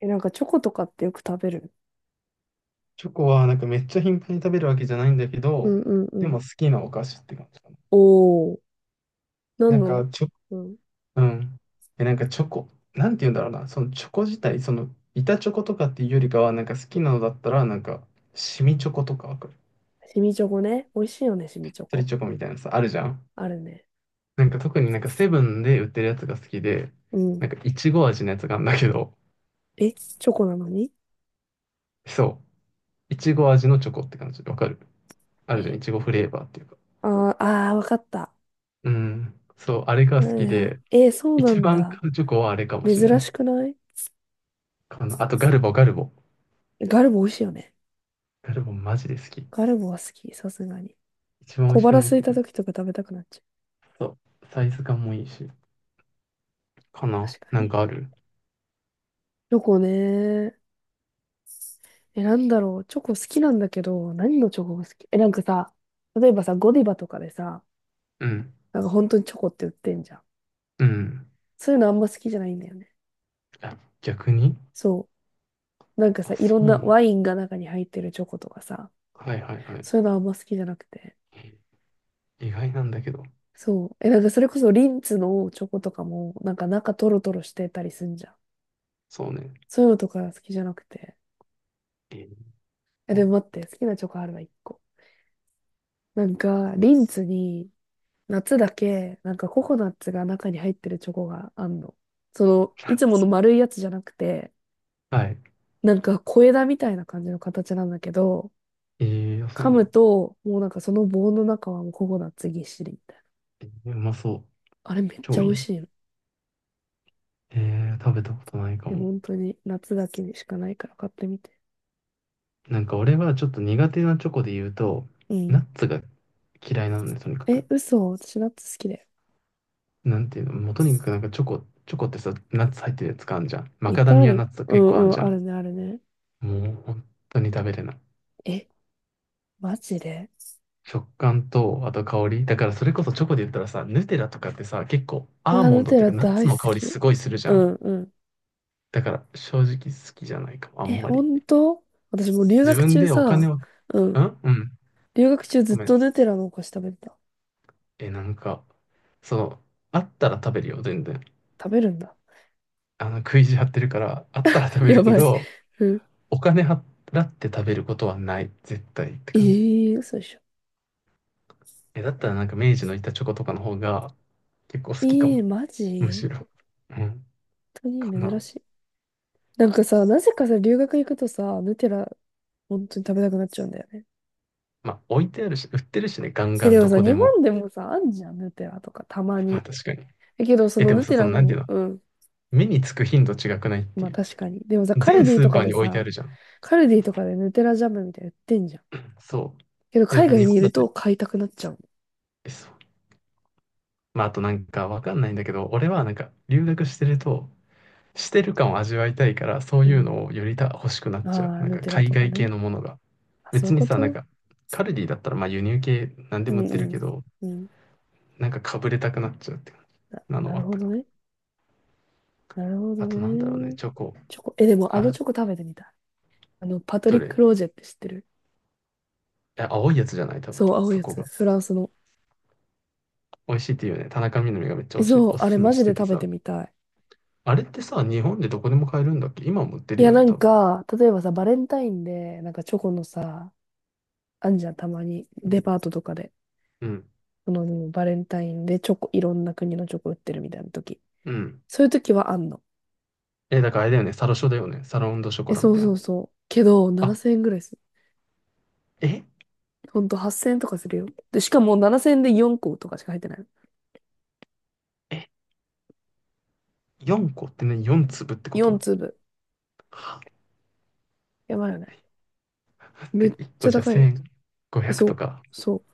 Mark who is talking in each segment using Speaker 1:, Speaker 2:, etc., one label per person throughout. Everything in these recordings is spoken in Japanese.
Speaker 1: え、なんかチョコとかってよく食べる？
Speaker 2: チョコはなんかめっちゃ頻繁に食べるわけじゃないんだけ
Speaker 1: う
Speaker 2: ど、
Speaker 1: んうんう
Speaker 2: で
Speaker 1: ん。
Speaker 2: も好きなお菓子って感じかな。
Speaker 1: おー、な
Speaker 2: な
Speaker 1: ん
Speaker 2: ん
Speaker 1: の？
Speaker 2: かチョ、
Speaker 1: うん。
Speaker 2: うん。え、なんかチョコ、なんて言うんだろうな、そのチョコ自体、その板チョコとかっていうよりかは、なんか好きなのだったら、なんか、シミチョコとかわかる？
Speaker 1: シミチョコね。美味しいよね、シミチョ
Speaker 2: スリ
Speaker 1: コ。
Speaker 2: チョコみたいなさ、あるじゃん。
Speaker 1: あるね。
Speaker 2: なんか特になんかセブンで売ってるやつが好きで、
Speaker 1: うん。
Speaker 2: なんかいちご味のやつがあるんだけど、
Speaker 1: え、チョコなのに？
Speaker 2: そう、いちご味のチョコって感じでわかる？あるじゃん、い
Speaker 1: え、
Speaker 2: ちごフレーバーっていうか。
Speaker 1: あー、あー、わかった。
Speaker 2: うん、そう、あれが
Speaker 1: は
Speaker 2: 好
Speaker 1: い
Speaker 2: き
Speaker 1: はい。
Speaker 2: で、
Speaker 1: えー、そうな
Speaker 2: 一
Speaker 1: ん
Speaker 2: 番
Speaker 1: だ。
Speaker 2: 買うチョコはあれかも
Speaker 1: 珍
Speaker 2: しれな
Speaker 1: し
Speaker 2: い
Speaker 1: くない？
Speaker 2: かな。あとガルボ、ガルボ。
Speaker 1: ガルボ美味しいよね。
Speaker 2: ガルボマジで好き。
Speaker 1: ガルボは好き、さすがに。
Speaker 2: 一番美
Speaker 1: 小
Speaker 2: 味しく
Speaker 1: 腹
Speaker 2: ないっ
Speaker 1: 空い
Speaker 2: てく
Speaker 1: た
Speaker 2: る。
Speaker 1: 時とか食べたくなっちゃ
Speaker 2: そう。サイズ感もいいし、か
Speaker 1: う。
Speaker 2: な。
Speaker 1: 確か
Speaker 2: なん
Speaker 1: に。
Speaker 2: かある？
Speaker 1: チョコね。え、なんだろう。チョコ好きなんだけど、何のチョコが好き？え、なんかさ、例えばさ、ゴディバとかでさ、
Speaker 2: うん。
Speaker 1: なんか本当にチョコって売ってんじゃん。
Speaker 2: うん。
Speaker 1: そういうのあんま好きじゃないんだよね。
Speaker 2: あ、逆に。
Speaker 1: そう。なんか
Speaker 2: あ、
Speaker 1: さ、い
Speaker 2: そ
Speaker 1: ろ
Speaker 2: う
Speaker 1: ん
Speaker 2: な
Speaker 1: な
Speaker 2: んだ。
Speaker 1: ワインが中に入ってるチョコとかさ、
Speaker 2: はいはいはい。
Speaker 1: そういうのあんま好きじゃなくて。
Speaker 2: 意外なんだけど。
Speaker 1: そう。え、なんかそれこそリンツのチョコとかも、なんか中トロトロしてたりすんじゃん。
Speaker 2: そうね。
Speaker 1: そういうのとか好きじゃなくて。
Speaker 2: えー、
Speaker 1: え、でも待って、好きなチョコあるわ、一個。なんか、リンツに、夏だけ、なんかココナッツが中に入ってるチョコがあんの。その、いつも の丸いやつじゃなくて、
Speaker 2: はい。
Speaker 1: なんか小枝みたいな感じの形なんだけど、
Speaker 2: そう
Speaker 1: 噛
Speaker 2: な
Speaker 1: む
Speaker 2: の。
Speaker 1: と、もうなんかその棒の中はもうココナッツぎっしりみたいな。
Speaker 2: うまそう。
Speaker 1: あれめっち
Speaker 2: 超
Speaker 1: ゃ美
Speaker 2: いい
Speaker 1: 味
Speaker 2: じゃ
Speaker 1: しいの。
Speaker 2: ん。食べたことないか
Speaker 1: で、
Speaker 2: も。
Speaker 1: 本当に夏だけにしかないから買ってみて。
Speaker 2: なんか俺はちょっと苦手なチョコで言うと、
Speaker 1: うん。
Speaker 2: ナッツが嫌いなのね、とにか
Speaker 1: え、
Speaker 2: く。
Speaker 1: 嘘私ナッツ好きだよ。
Speaker 2: なんていうの、もうとにかくなんかチョコ、チョコってさ、ナッツ入ってるやつかあんじゃん。マ
Speaker 1: いっ
Speaker 2: カダ
Speaker 1: ぱいあ
Speaker 2: ミ
Speaker 1: る
Speaker 2: ア
Speaker 1: よ。
Speaker 2: ナッツとか
Speaker 1: う
Speaker 2: 結
Speaker 1: ん
Speaker 2: 構あん
Speaker 1: うん、
Speaker 2: じゃ
Speaker 1: ある
Speaker 2: ん。
Speaker 1: ね、あるね。
Speaker 2: もう本当に食べれない。
Speaker 1: え、マジで？
Speaker 2: 食感と、あと香り。だからそれこそチョコで言ったらさ、ヌテラとかってさ、結構
Speaker 1: う
Speaker 2: アー
Speaker 1: わ、
Speaker 2: モ
Speaker 1: ヌ
Speaker 2: ンドっ
Speaker 1: テ
Speaker 2: ていう
Speaker 1: ラ
Speaker 2: かナッツ
Speaker 1: 大好
Speaker 2: の香り
Speaker 1: き。
Speaker 2: すごいするじゃ
Speaker 1: う
Speaker 2: ん。
Speaker 1: んうん。
Speaker 2: だから正直好きじゃないかも、あ
Speaker 1: え、
Speaker 2: んまり。
Speaker 1: 本当？私もう留
Speaker 2: 自
Speaker 1: 学
Speaker 2: 分
Speaker 1: 中
Speaker 2: でお金
Speaker 1: さ、
Speaker 2: を、ん、
Speaker 1: う
Speaker 2: う
Speaker 1: ん。
Speaker 2: ん。
Speaker 1: 留学中ず
Speaker 2: ご
Speaker 1: っ
Speaker 2: めん。
Speaker 1: とヌテラのお菓子食べてた。
Speaker 2: え、なんか、その、あったら食べるよ、全然。
Speaker 1: 食べるんだ。
Speaker 2: あの、食い意地張ってるから、あったら 食べ
Speaker 1: や
Speaker 2: るけ
Speaker 1: ばい。
Speaker 2: ど、
Speaker 1: うん。
Speaker 2: お金払って食べることはない、絶対って
Speaker 1: え
Speaker 2: 感じ。
Speaker 1: えー、嘘でしょ。
Speaker 2: え、だったらなんか明治の板チョコとかの方が結構好きか
Speaker 1: え
Speaker 2: も、
Speaker 1: えー、マ
Speaker 2: む
Speaker 1: ジ？
Speaker 2: しろ。うん、
Speaker 1: 本当
Speaker 2: か
Speaker 1: に珍
Speaker 2: な。
Speaker 1: しい。なんかさ、なぜかさ、留学行くとさ、ヌテラ、本当に食べたくなっちゃうんだよね。
Speaker 2: まあ置いてあるし、売ってるしね、ガン
Speaker 1: え、
Speaker 2: ガン
Speaker 1: でも
Speaker 2: ど
Speaker 1: さ、
Speaker 2: こ
Speaker 1: 日
Speaker 2: でも。
Speaker 1: 本でもさ、あんじゃん、ヌテラとか、たま
Speaker 2: まあ
Speaker 1: に。
Speaker 2: 確かに。
Speaker 1: え、けど、そ
Speaker 2: え、
Speaker 1: の
Speaker 2: でも
Speaker 1: ヌ
Speaker 2: さ、
Speaker 1: テ
Speaker 2: そ
Speaker 1: ラ
Speaker 2: のなんてい
Speaker 1: の、
Speaker 2: うの、
Speaker 1: うん、
Speaker 2: 目につく頻度違くないって
Speaker 1: まあ
Speaker 2: いう。
Speaker 1: 確かに。でもさ、カル
Speaker 2: 全
Speaker 1: ディ
Speaker 2: ス
Speaker 1: と
Speaker 2: ーパ
Speaker 1: か
Speaker 2: ー
Speaker 1: で
Speaker 2: に置いてあ
Speaker 1: さ、
Speaker 2: るじゃん。
Speaker 1: カルディ
Speaker 2: そう。
Speaker 1: とかでヌテラジャムみたいな売ってんじゃん。
Speaker 2: そう、
Speaker 1: けど、
Speaker 2: でも
Speaker 1: 海
Speaker 2: さ、
Speaker 1: 外
Speaker 2: 日
Speaker 1: に
Speaker 2: 本
Speaker 1: い
Speaker 2: だ
Speaker 1: る
Speaker 2: って、
Speaker 1: と買いたくなっちゃう。
Speaker 2: え、そう。まああとなんかわかんないんだけど、俺はなんか留学してると、してる感を味わいたいから、そう
Speaker 1: う
Speaker 2: いう
Speaker 1: ん。
Speaker 2: のをよりた欲しくなっちゃう。
Speaker 1: ああ、
Speaker 2: なん
Speaker 1: ヌ
Speaker 2: か
Speaker 1: テラ
Speaker 2: 海
Speaker 1: とか
Speaker 2: 外系
Speaker 1: ね。
Speaker 2: のものが。
Speaker 1: あ、そういう
Speaker 2: 別に
Speaker 1: こ
Speaker 2: さ、なん
Speaker 1: と？
Speaker 2: か、カルディだったらまあ輸入系何で
Speaker 1: う
Speaker 2: も売
Speaker 1: ん
Speaker 2: ってる
Speaker 1: う
Speaker 2: け
Speaker 1: ん。
Speaker 2: ど、
Speaker 1: うん。
Speaker 2: なんかかぶれたくなっちゃうって感じなの
Speaker 1: な
Speaker 2: は
Speaker 1: る
Speaker 2: あっ
Speaker 1: ほ
Speaker 2: たか
Speaker 1: ど
Speaker 2: な。
Speaker 1: ね。なるほど
Speaker 2: あとなんだろうね、
Speaker 1: ね。
Speaker 2: チョコ。
Speaker 1: チョコ、え、でもあの
Speaker 2: あ、
Speaker 1: チョコ食べてみたい。あの、パト
Speaker 2: ど
Speaker 1: リ
Speaker 2: れ、
Speaker 1: ッ
Speaker 2: い
Speaker 1: ク・ロージェって知ってる？
Speaker 2: や、青いやつじゃない、多分、
Speaker 1: そう、青い
Speaker 2: 過
Speaker 1: や
Speaker 2: 去
Speaker 1: つ。
Speaker 2: が。
Speaker 1: フランスの。
Speaker 2: 美味しいっていうね、田中みな実がめっちゃ
Speaker 1: えそう、
Speaker 2: お
Speaker 1: あ
Speaker 2: す
Speaker 1: れ
Speaker 2: すめ
Speaker 1: マ
Speaker 2: し
Speaker 1: ジで
Speaker 2: てて
Speaker 1: 食べ
Speaker 2: さ。
Speaker 1: てみたい。
Speaker 2: あれってさ、日本でどこでも買えるんだっけ？今も売って
Speaker 1: い
Speaker 2: る
Speaker 1: や、
Speaker 2: よ
Speaker 1: な
Speaker 2: ね、
Speaker 1: ん
Speaker 2: 多分。
Speaker 1: か、例えばさ、バレンタインで、なんかチョコのさ、あんじゃん、たまに、
Speaker 2: う
Speaker 1: デ
Speaker 2: ん。
Speaker 1: パートとかで。
Speaker 2: うん。
Speaker 1: その、バレンタインでチョコ、いろんな国のチョコ売ってるみたいな時。
Speaker 2: うん。
Speaker 1: そういう時はあんの。
Speaker 2: え、だからあれだよね、サロショだよね。サロンドショ
Speaker 1: え、
Speaker 2: コラ
Speaker 1: そ
Speaker 2: み
Speaker 1: う
Speaker 2: たい
Speaker 1: そ
Speaker 2: な。
Speaker 1: うそう。けど、
Speaker 2: あ、
Speaker 1: 7000円ぐらいする。
Speaker 2: え
Speaker 1: ほんと、8000円とかするよ。で、しかも7000円で4個とかしか入ってないの。
Speaker 2: え4個ってね、4粒ってこ
Speaker 1: 4
Speaker 2: と？
Speaker 1: 粒。
Speaker 2: は
Speaker 1: やばいよね。
Speaker 2: だっ
Speaker 1: め
Speaker 2: て、
Speaker 1: っ
Speaker 2: 1
Speaker 1: ち
Speaker 2: 個
Speaker 1: ゃ
Speaker 2: じゃ
Speaker 1: 高いよ。え
Speaker 2: 1500
Speaker 1: そ
Speaker 2: と
Speaker 1: う、
Speaker 2: か。
Speaker 1: そう。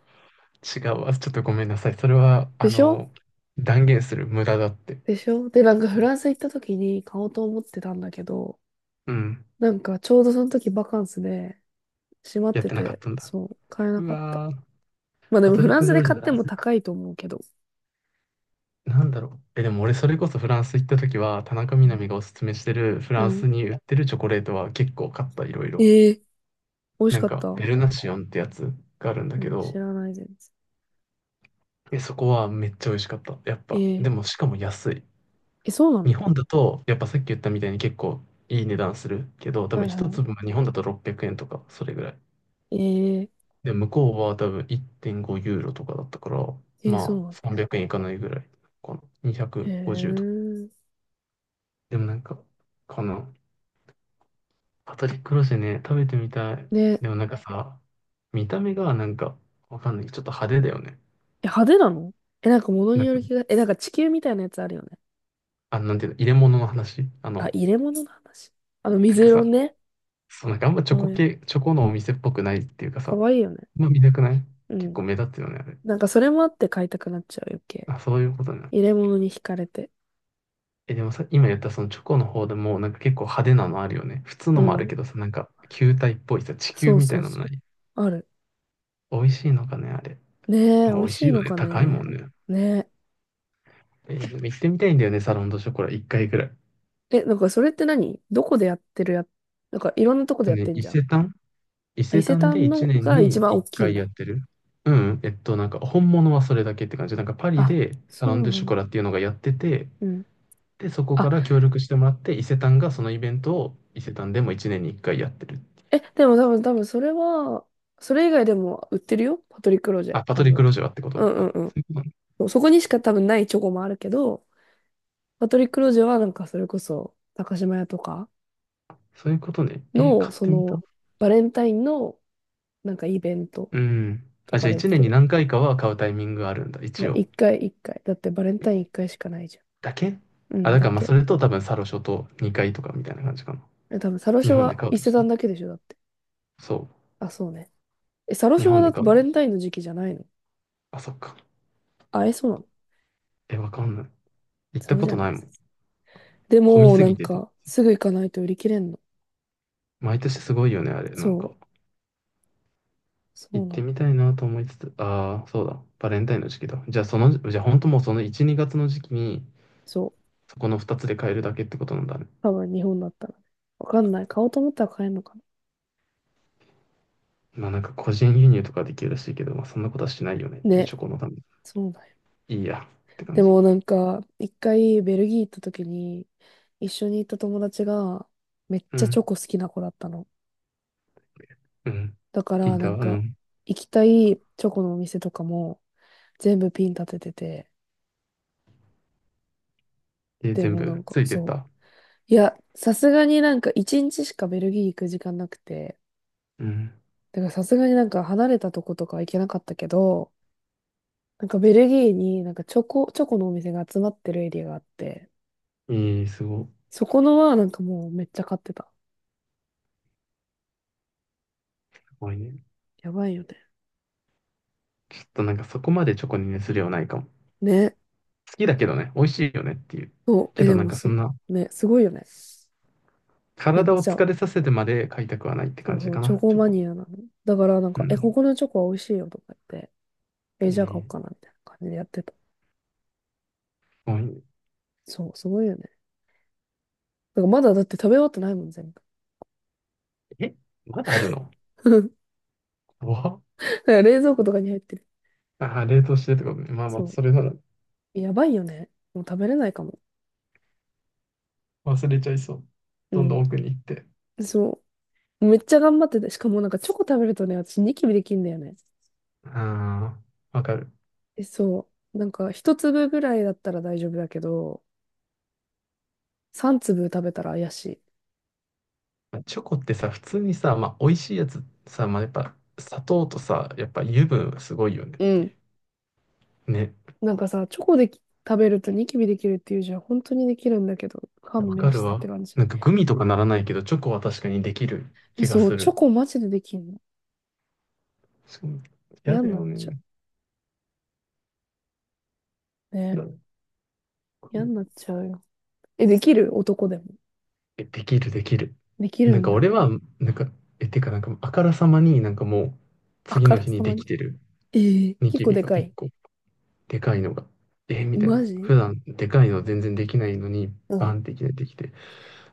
Speaker 2: 違うわ。ちょっとごめんなさい。それは、あ
Speaker 1: でしょ？
Speaker 2: の、断言する無駄だって。
Speaker 1: でしょ？で、なんかフランス行った時に買おうと思ってたんだけど、
Speaker 2: うん。
Speaker 1: なんかちょうどその時バカンスで、閉まっ
Speaker 2: やっ
Speaker 1: て
Speaker 2: てなかっ
Speaker 1: て、
Speaker 2: たんだ。
Speaker 1: そう、買えな
Speaker 2: う
Speaker 1: かった。
Speaker 2: わー。
Speaker 1: まあで
Speaker 2: パ
Speaker 1: も
Speaker 2: ト
Speaker 1: フ
Speaker 2: リッ
Speaker 1: ラン
Speaker 2: ク・
Speaker 1: ス
Speaker 2: ジョ
Speaker 1: で
Speaker 2: ージ
Speaker 1: 買って
Speaker 2: だ。
Speaker 1: も高いと思うけど。
Speaker 2: なんだろう。え、でも俺それこそフランス行った時は、田中
Speaker 1: う
Speaker 2: みな
Speaker 1: ん。
Speaker 2: 実がおすすめしてるフ
Speaker 1: う
Speaker 2: ラン
Speaker 1: ん
Speaker 2: スに売ってるチョコレートは結構買った、いろいろ。
Speaker 1: ええ美味し
Speaker 2: なん
Speaker 1: かっ
Speaker 2: か、
Speaker 1: た。う
Speaker 2: ベルナシオンってやつがあるんだけ
Speaker 1: ん、知
Speaker 2: ど、
Speaker 1: らないです。
Speaker 2: え、そこはめっちゃ美味しかった。やっぱ。
Speaker 1: え
Speaker 2: で
Speaker 1: え
Speaker 2: も、しかも安い。
Speaker 1: え、そうなの？
Speaker 2: 日本だと、やっぱさっき言ったみたいに結構いい値段するけど、多
Speaker 1: は
Speaker 2: 分
Speaker 1: い
Speaker 2: 一
Speaker 1: は
Speaker 2: 粒が日本だと600円とか、それぐらい。
Speaker 1: い。ええ
Speaker 2: で、向こうは多分1.5ユーロとかだったから、
Speaker 1: ええ、そう
Speaker 2: ま
Speaker 1: な
Speaker 2: あ
Speaker 1: んだ。
Speaker 2: 300円いかないぐらいかな。
Speaker 1: へ
Speaker 2: 250とか。
Speaker 1: え。
Speaker 2: でもなんか、このパトリック・ロシェね、食べてみたい。
Speaker 1: で、
Speaker 2: でもなんかさ、見た目がなんか、わかんない。ちょっと派手だよね。
Speaker 1: え、派手なの？え、なんか物に
Speaker 2: なん
Speaker 1: よ
Speaker 2: か、
Speaker 1: る気が、え、なんか地球みたいなやつあるよね。
Speaker 2: あ、なんていうの、入れ物の話。あ
Speaker 1: あ、
Speaker 2: の、
Speaker 1: 入れ物の話。あの、
Speaker 2: なん
Speaker 1: 水
Speaker 2: か
Speaker 1: 色の
Speaker 2: さ、
Speaker 1: ね。
Speaker 2: そう、なんかあんまチョコ
Speaker 1: あ、
Speaker 2: 系、チョコのお店っぽくないっていうか
Speaker 1: か
Speaker 2: さ、
Speaker 1: わいいよね。
Speaker 2: まあ見たくない、
Speaker 1: う
Speaker 2: 結
Speaker 1: ん。
Speaker 2: 構目立つよね、あれ。
Speaker 1: なんかそれもあって買いたくなっちゃう余計。
Speaker 2: あ、そういうことね。
Speaker 1: 入れ物に惹かれて。
Speaker 2: え、でもさ、今言ったそのチョコの方でも、なんか結構派手なのあるよね。普通
Speaker 1: う
Speaker 2: のもある
Speaker 1: ん。
Speaker 2: けどさ、なんか球体っぽいさ、地球
Speaker 1: そう
Speaker 2: みた
Speaker 1: そ
Speaker 2: い
Speaker 1: う
Speaker 2: なの
Speaker 1: そ
Speaker 2: な
Speaker 1: う。
Speaker 2: い？
Speaker 1: ある。
Speaker 2: 美味しいのかね、あれ。
Speaker 1: ねえ、美
Speaker 2: まあ美
Speaker 1: 味
Speaker 2: 味
Speaker 1: し
Speaker 2: しい
Speaker 1: い
Speaker 2: よ
Speaker 1: の
Speaker 2: ね。
Speaker 1: か
Speaker 2: 高いも
Speaker 1: ね。
Speaker 2: んね。
Speaker 1: ね
Speaker 2: でも行ってみたいんだよね、サロンドショコラ、一回ぐら
Speaker 1: え。え、なんかそれって何どこでやってるや、なんかいろんなとこで
Speaker 2: い。
Speaker 1: やっ
Speaker 2: ね、
Speaker 1: てん
Speaker 2: 伊
Speaker 1: じゃん。
Speaker 2: 勢丹伊
Speaker 1: あ伊
Speaker 2: 勢
Speaker 1: 勢
Speaker 2: 丹で
Speaker 1: 丹の
Speaker 2: 一年
Speaker 1: が一番
Speaker 2: に
Speaker 1: 大きい
Speaker 2: 一
Speaker 1: ん
Speaker 2: 回や
Speaker 1: だ。
Speaker 2: ってる。うん、なんか本物はそれだけって感じ。なんかパリ
Speaker 1: あ、
Speaker 2: でサロン
Speaker 1: そう
Speaker 2: ド
Speaker 1: な
Speaker 2: ショ
Speaker 1: ん、
Speaker 2: コラっていうのがやってて、
Speaker 1: うん。
Speaker 2: で、そこか
Speaker 1: あ、
Speaker 2: ら協力してもらって、伊勢丹がそのイベントを伊勢丹でも1年に1回やってる。
Speaker 1: え、でも多分それは、それ以外でも売ってるよ。パトリック・ロジェ、
Speaker 2: あ、パト
Speaker 1: 多
Speaker 2: リック・
Speaker 1: 分。
Speaker 2: ロジャーってこ
Speaker 1: う
Speaker 2: と？
Speaker 1: ん
Speaker 2: あ、
Speaker 1: う
Speaker 2: そ
Speaker 1: ん
Speaker 2: ういうことね。
Speaker 1: うん。そこにしか多分ないチョコもあるけど、パトリック・ロジェはなんかそれこそ、高島屋とか
Speaker 2: そういうことね。
Speaker 1: の、
Speaker 2: 買っ
Speaker 1: そ
Speaker 2: てみた。
Speaker 1: の、バレンタインのなんかイベント
Speaker 2: うん。
Speaker 1: と
Speaker 2: あ、じ
Speaker 1: か
Speaker 2: ゃあ
Speaker 1: で売っ
Speaker 2: 1年
Speaker 1: て
Speaker 2: に
Speaker 1: る。
Speaker 2: 何回かは買うタイミングがあるんだ、
Speaker 1: いや、
Speaker 2: 一応。
Speaker 1: 一回一回。だってバレンタイン一
Speaker 2: え、
Speaker 1: 回しかないじゃん。
Speaker 2: だけ、
Speaker 1: う
Speaker 2: あ、
Speaker 1: ん、
Speaker 2: だか
Speaker 1: だっ
Speaker 2: らまあそ
Speaker 1: け。
Speaker 2: れと多分サロショと2回とかみたいな感じかな。
Speaker 1: え、多分、サロシ
Speaker 2: 日
Speaker 1: ョ
Speaker 2: 本で
Speaker 1: は
Speaker 2: 買う
Speaker 1: 伊
Speaker 2: と
Speaker 1: 勢
Speaker 2: したら。
Speaker 1: 丹だけでしょ、だって。
Speaker 2: そ
Speaker 1: あ、そうね。え、サロ
Speaker 2: う。日
Speaker 1: ショは
Speaker 2: 本
Speaker 1: だ
Speaker 2: で
Speaker 1: って
Speaker 2: 買うん
Speaker 1: バ
Speaker 2: だ。
Speaker 1: レンタインの時期じゃないの？
Speaker 2: あ、そっか。
Speaker 1: あ、え、そうなの？
Speaker 2: え、わかんない。行っ
Speaker 1: そ
Speaker 2: た
Speaker 1: う
Speaker 2: こ
Speaker 1: じゃ
Speaker 2: と
Speaker 1: ない
Speaker 2: ない
Speaker 1: で
Speaker 2: も
Speaker 1: す。
Speaker 2: ん。
Speaker 1: で
Speaker 2: 混み
Speaker 1: も、
Speaker 2: す
Speaker 1: な
Speaker 2: ぎ
Speaker 1: ん
Speaker 2: てて。
Speaker 1: か、すぐ行かないと売り切れんの。
Speaker 2: 毎年すごいよね、あれ。なん
Speaker 1: そう。
Speaker 2: か。
Speaker 1: そ
Speaker 2: 行
Speaker 1: う
Speaker 2: っ
Speaker 1: な
Speaker 2: て
Speaker 1: の。
Speaker 2: みたいなと思いつつ、ああ、そうだ、バレンタインの時期だ。じゃあ、その、じゃあ、本当もうその1、2月の時期に、
Speaker 1: そう。
Speaker 2: そこの2つで買えるだけってことなんだね。
Speaker 1: 多分、日本だったらね。わかんない。買おうと思ったら買えんのかな。
Speaker 2: まあ、なんか個人輸入とかできるらしいけど、まあ、そんなことはしないよねっていう、
Speaker 1: ね。
Speaker 2: チョコのために。
Speaker 1: そうだよね。
Speaker 2: いいや、って感
Speaker 1: で
Speaker 2: じ。
Speaker 1: も、なんか、一回ベルギー行った時に、一緒に行った友達が、めっ
Speaker 2: う
Speaker 1: ちゃチョ
Speaker 2: ん、
Speaker 1: コ好きな子だったの。
Speaker 2: うん。
Speaker 1: だか
Speaker 2: 聞
Speaker 1: ら
Speaker 2: い
Speaker 1: な
Speaker 2: た、
Speaker 1: ん
Speaker 2: う
Speaker 1: か
Speaker 2: ん。
Speaker 1: 行きたいチョコのお店とかも全部ピン立ててて、で
Speaker 2: 全
Speaker 1: もな
Speaker 2: 部
Speaker 1: んか
Speaker 2: ついてっ
Speaker 1: そう。
Speaker 2: た。
Speaker 1: いや、さすがになんか一日しかベルギー行く時間なくて、
Speaker 2: うん。
Speaker 1: だからさすがになんか離れたとことか行けなかったけど、なんかベルギーになんかチョコ、チョコのお店が集まってるエリアがあって、
Speaker 2: ええ、すごい。
Speaker 1: そこのはなんかもうめっちゃ買ってた。
Speaker 2: すごいね。
Speaker 1: やばいよね。
Speaker 2: ちょっとなんかそこまでチョコに熱量ないかも。
Speaker 1: ね。
Speaker 2: 好きだけどね、美味しいよねっていう。
Speaker 1: そう。
Speaker 2: け
Speaker 1: え、
Speaker 2: ど
Speaker 1: で
Speaker 2: なん
Speaker 1: も
Speaker 2: かそ
Speaker 1: す、
Speaker 2: んな、
Speaker 1: ね、すごいよね。めっ
Speaker 2: 体を
Speaker 1: ちゃ。
Speaker 2: 疲れさせてまで買いたくはないって
Speaker 1: そ
Speaker 2: 感
Speaker 1: う
Speaker 2: じ
Speaker 1: そう、
Speaker 2: か
Speaker 1: チョ
Speaker 2: な、
Speaker 1: コ
Speaker 2: チョ
Speaker 1: マ
Speaker 2: コ。
Speaker 1: ニアなの。だからなん
Speaker 2: う
Speaker 1: か、え、こ
Speaker 2: ん。
Speaker 1: このチョコは美味しいよとか言って、え、
Speaker 2: え
Speaker 1: じゃあ買おう
Speaker 2: ー、
Speaker 1: かな、みたいな感じでやってた。
Speaker 2: もう
Speaker 1: そう、すごいよね。だからまだだって食べ終わってないもん、全部。
Speaker 2: え、まだあるの？ 怖っ。
Speaker 1: だから冷蔵庫とかに入ってる。
Speaker 2: あー、冷凍してってことね。まあまあ、
Speaker 1: そ
Speaker 2: それなら
Speaker 1: う。やばいよね。もう食べれないかも。
Speaker 2: 忘れちゃいそう。
Speaker 1: う
Speaker 2: どんどん
Speaker 1: ん。
Speaker 2: 奥に行って。
Speaker 1: そう。めっちゃ頑張ってて。しかもなんかチョコ食べるとね、私ニキビできんだよね。
Speaker 2: ああ、わかる。
Speaker 1: え、そう。なんか一粒ぐらいだったら大丈夫だけど、三粒食べたら怪しい。
Speaker 2: まあチョコってさ、普通にさ、まあ、美味しいやつさ、まあ、やっぱ砂糖とさ、やっぱ油分すごいよねっ
Speaker 1: う
Speaker 2: てい
Speaker 1: ん。
Speaker 2: う。ね、
Speaker 1: なんかさ、チョコでき食べるとニキビできるっていうじゃん。本当にできるんだけど、勘
Speaker 2: わか
Speaker 1: 弁し
Speaker 2: る
Speaker 1: てって
Speaker 2: わ。
Speaker 1: 感じ。
Speaker 2: なんかグミとかならないけど、チョコは確かにできる
Speaker 1: え、
Speaker 2: 気が
Speaker 1: そう。
Speaker 2: す
Speaker 1: チョ
Speaker 2: る。
Speaker 1: コマジでできんの。
Speaker 2: そう。嫌
Speaker 1: 嫌に
Speaker 2: だ
Speaker 1: なっ
Speaker 2: よ
Speaker 1: ちゃ
Speaker 2: ね。
Speaker 1: う。ね
Speaker 2: だ、
Speaker 1: 嫌になっちゃうよ。え、できる男でも？
Speaker 2: え、できる、できる。
Speaker 1: できる
Speaker 2: なん
Speaker 1: ん
Speaker 2: か俺
Speaker 1: だ。
Speaker 2: は、なんか、え、てかなんか、あからさまになんかもう、
Speaker 1: あ
Speaker 2: 次
Speaker 1: か
Speaker 2: の
Speaker 1: ら
Speaker 2: 日
Speaker 1: さ
Speaker 2: に
Speaker 1: ま
Speaker 2: で
Speaker 1: に。
Speaker 2: きてる、
Speaker 1: ええ
Speaker 2: ニ
Speaker 1: 結
Speaker 2: キ
Speaker 1: 構
Speaker 2: ビ
Speaker 1: で
Speaker 2: が
Speaker 1: か
Speaker 2: 1
Speaker 1: い。
Speaker 2: 個、でかいのが。え、みたい
Speaker 1: マ
Speaker 2: な。
Speaker 1: ジ？
Speaker 2: 普段、でかいの全然できないのに、
Speaker 1: う
Speaker 2: バ
Speaker 1: ん。
Speaker 2: ンっていきなりできて、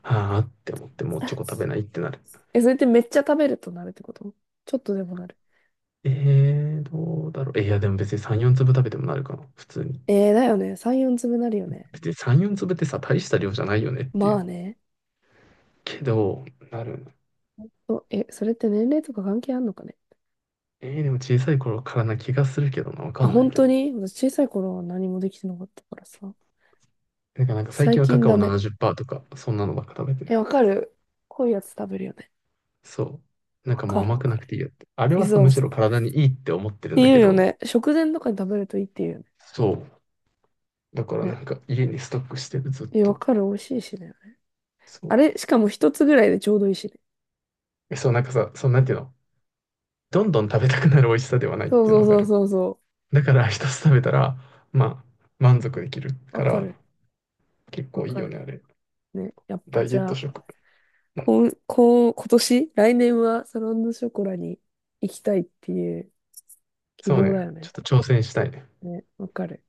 Speaker 2: はあって思って、もうチョコ食べないっ てなる。
Speaker 1: え、それってめっちゃ食べるとなるってこと？ちょっとでもなる。
Speaker 2: どうだろう。え、いや、でも別に3、4粒食べてもなるかな、普通に。
Speaker 1: えー、だよね。3、4粒なるよね。
Speaker 2: 別に3、4粒ってさ、大した量じゃないよねってい
Speaker 1: ま
Speaker 2: う。
Speaker 1: あね。
Speaker 2: けど、なる。
Speaker 1: え、それって年齢とか関係あんのかね。
Speaker 2: でも小さい頃からな気がするけどな、わか
Speaker 1: あ、
Speaker 2: んな
Speaker 1: 本
Speaker 2: いけ
Speaker 1: 当
Speaker 2: ど。
Speaker 1: に私小さい頃は何もできてなかったからさ。
Speaker 2: なんか、なんか最
Speaker 1: 最
Speaker 2: 近はカ
Speaker 1: 近
Speaker 2: カ
Speaker 1: ダ
Speaker 2: オ
Speaker 1: メ。
Speaker 2: 70%とか、そんなのばっか食べてる。
Speaker 1: え、わかる？濃いやつ食べるよね。
Speaker 2: そう。なん
Speaker 1: わ
Speaker 2: かも
Speaker 1: か
Speaker 2: う
Speaker 1: る
Speaker 2: 甘
Speaker 1: わ
Speaker 2: く
Speaker 1: か
Speaker 2: な
Speaker 1: る。
Speaker 2: くていいよって。あれ
Speaker 1: え、
Speaker 2: はさ、
Speaker 1: そう
Speaker 2: むし
Speaker 1: そ
Speaker 2: ろ
Speaker 1: う。っ
Speaker 2: 体にいいって思ってるん
Speaker 1: て
Speaker 2: だ
Speaker 1: 言
Speaker 2: け
Speaker 1: うよ
Speaker 2: ど、
Speaker 1: ね。食前とかに食べるといいって言うよね。
Speaker 2: そう。だから
Speaker 1: ね。
Speaker 2: なんか家にストックしてる、ずっ
Speaker 1: え、わ
Speaker 2: と。
Speaker 1: かる。美味しいしね。
Speaker 2: そ
Speaker 1: あ
Speaker 2: う。
Speaker 1: れ、しかも一つぐらいでちょうどいいしね。
Speaker 2: え、そう、なんかさ、そう、なんていうの、どんどん食べたくなる美味しさではないっ
Speaker 1: そう
Speaker 2: ていう
Speaker 1: そ
Speaker 2: の
Speaker 1: う
Speaker 2: わか
Speaker 1: そう
Speaker 2: る。
Speaker 1: そうそ
Speaker 2: だから一つ食べたら、まあ、満足できる
Speaker 1: う。わ
Speaker 2: か
Speaker 1: か
Speaker 2: ら、
Speaker 1: る。
Speaker 2: 結
Speaker 1: わ
Speaker 2: 構いい
Speaker 1: か
Speaker 2: よ
Speaker 1: る。
Speaker 2: ね、あれ。
Speaker 1: ね。やっ
Speaker 2: ダ
Speaker 1: ぱ
Speaker 2: イエ
Speaker 1: じ
Speaker 2: ッ
Speaker 1: ゃ
Speaker 2: ト
Speaker 1: あ、
Speaker 2: 食。う
Speaker 1: こ
Speaker 2: ん。
Speaker 1: ん、こん、今年、来年はサロンドショコラに行きたいっていう希
Speaker 2: そう
Speaker 1: 望
Speaker 2: ね。
Speaker 1: だよ
Speaker 2: ちょっ
Speaker 1: ね。
Speaker 2: と挑戦したいね。
Speaker 1: ね。わかる。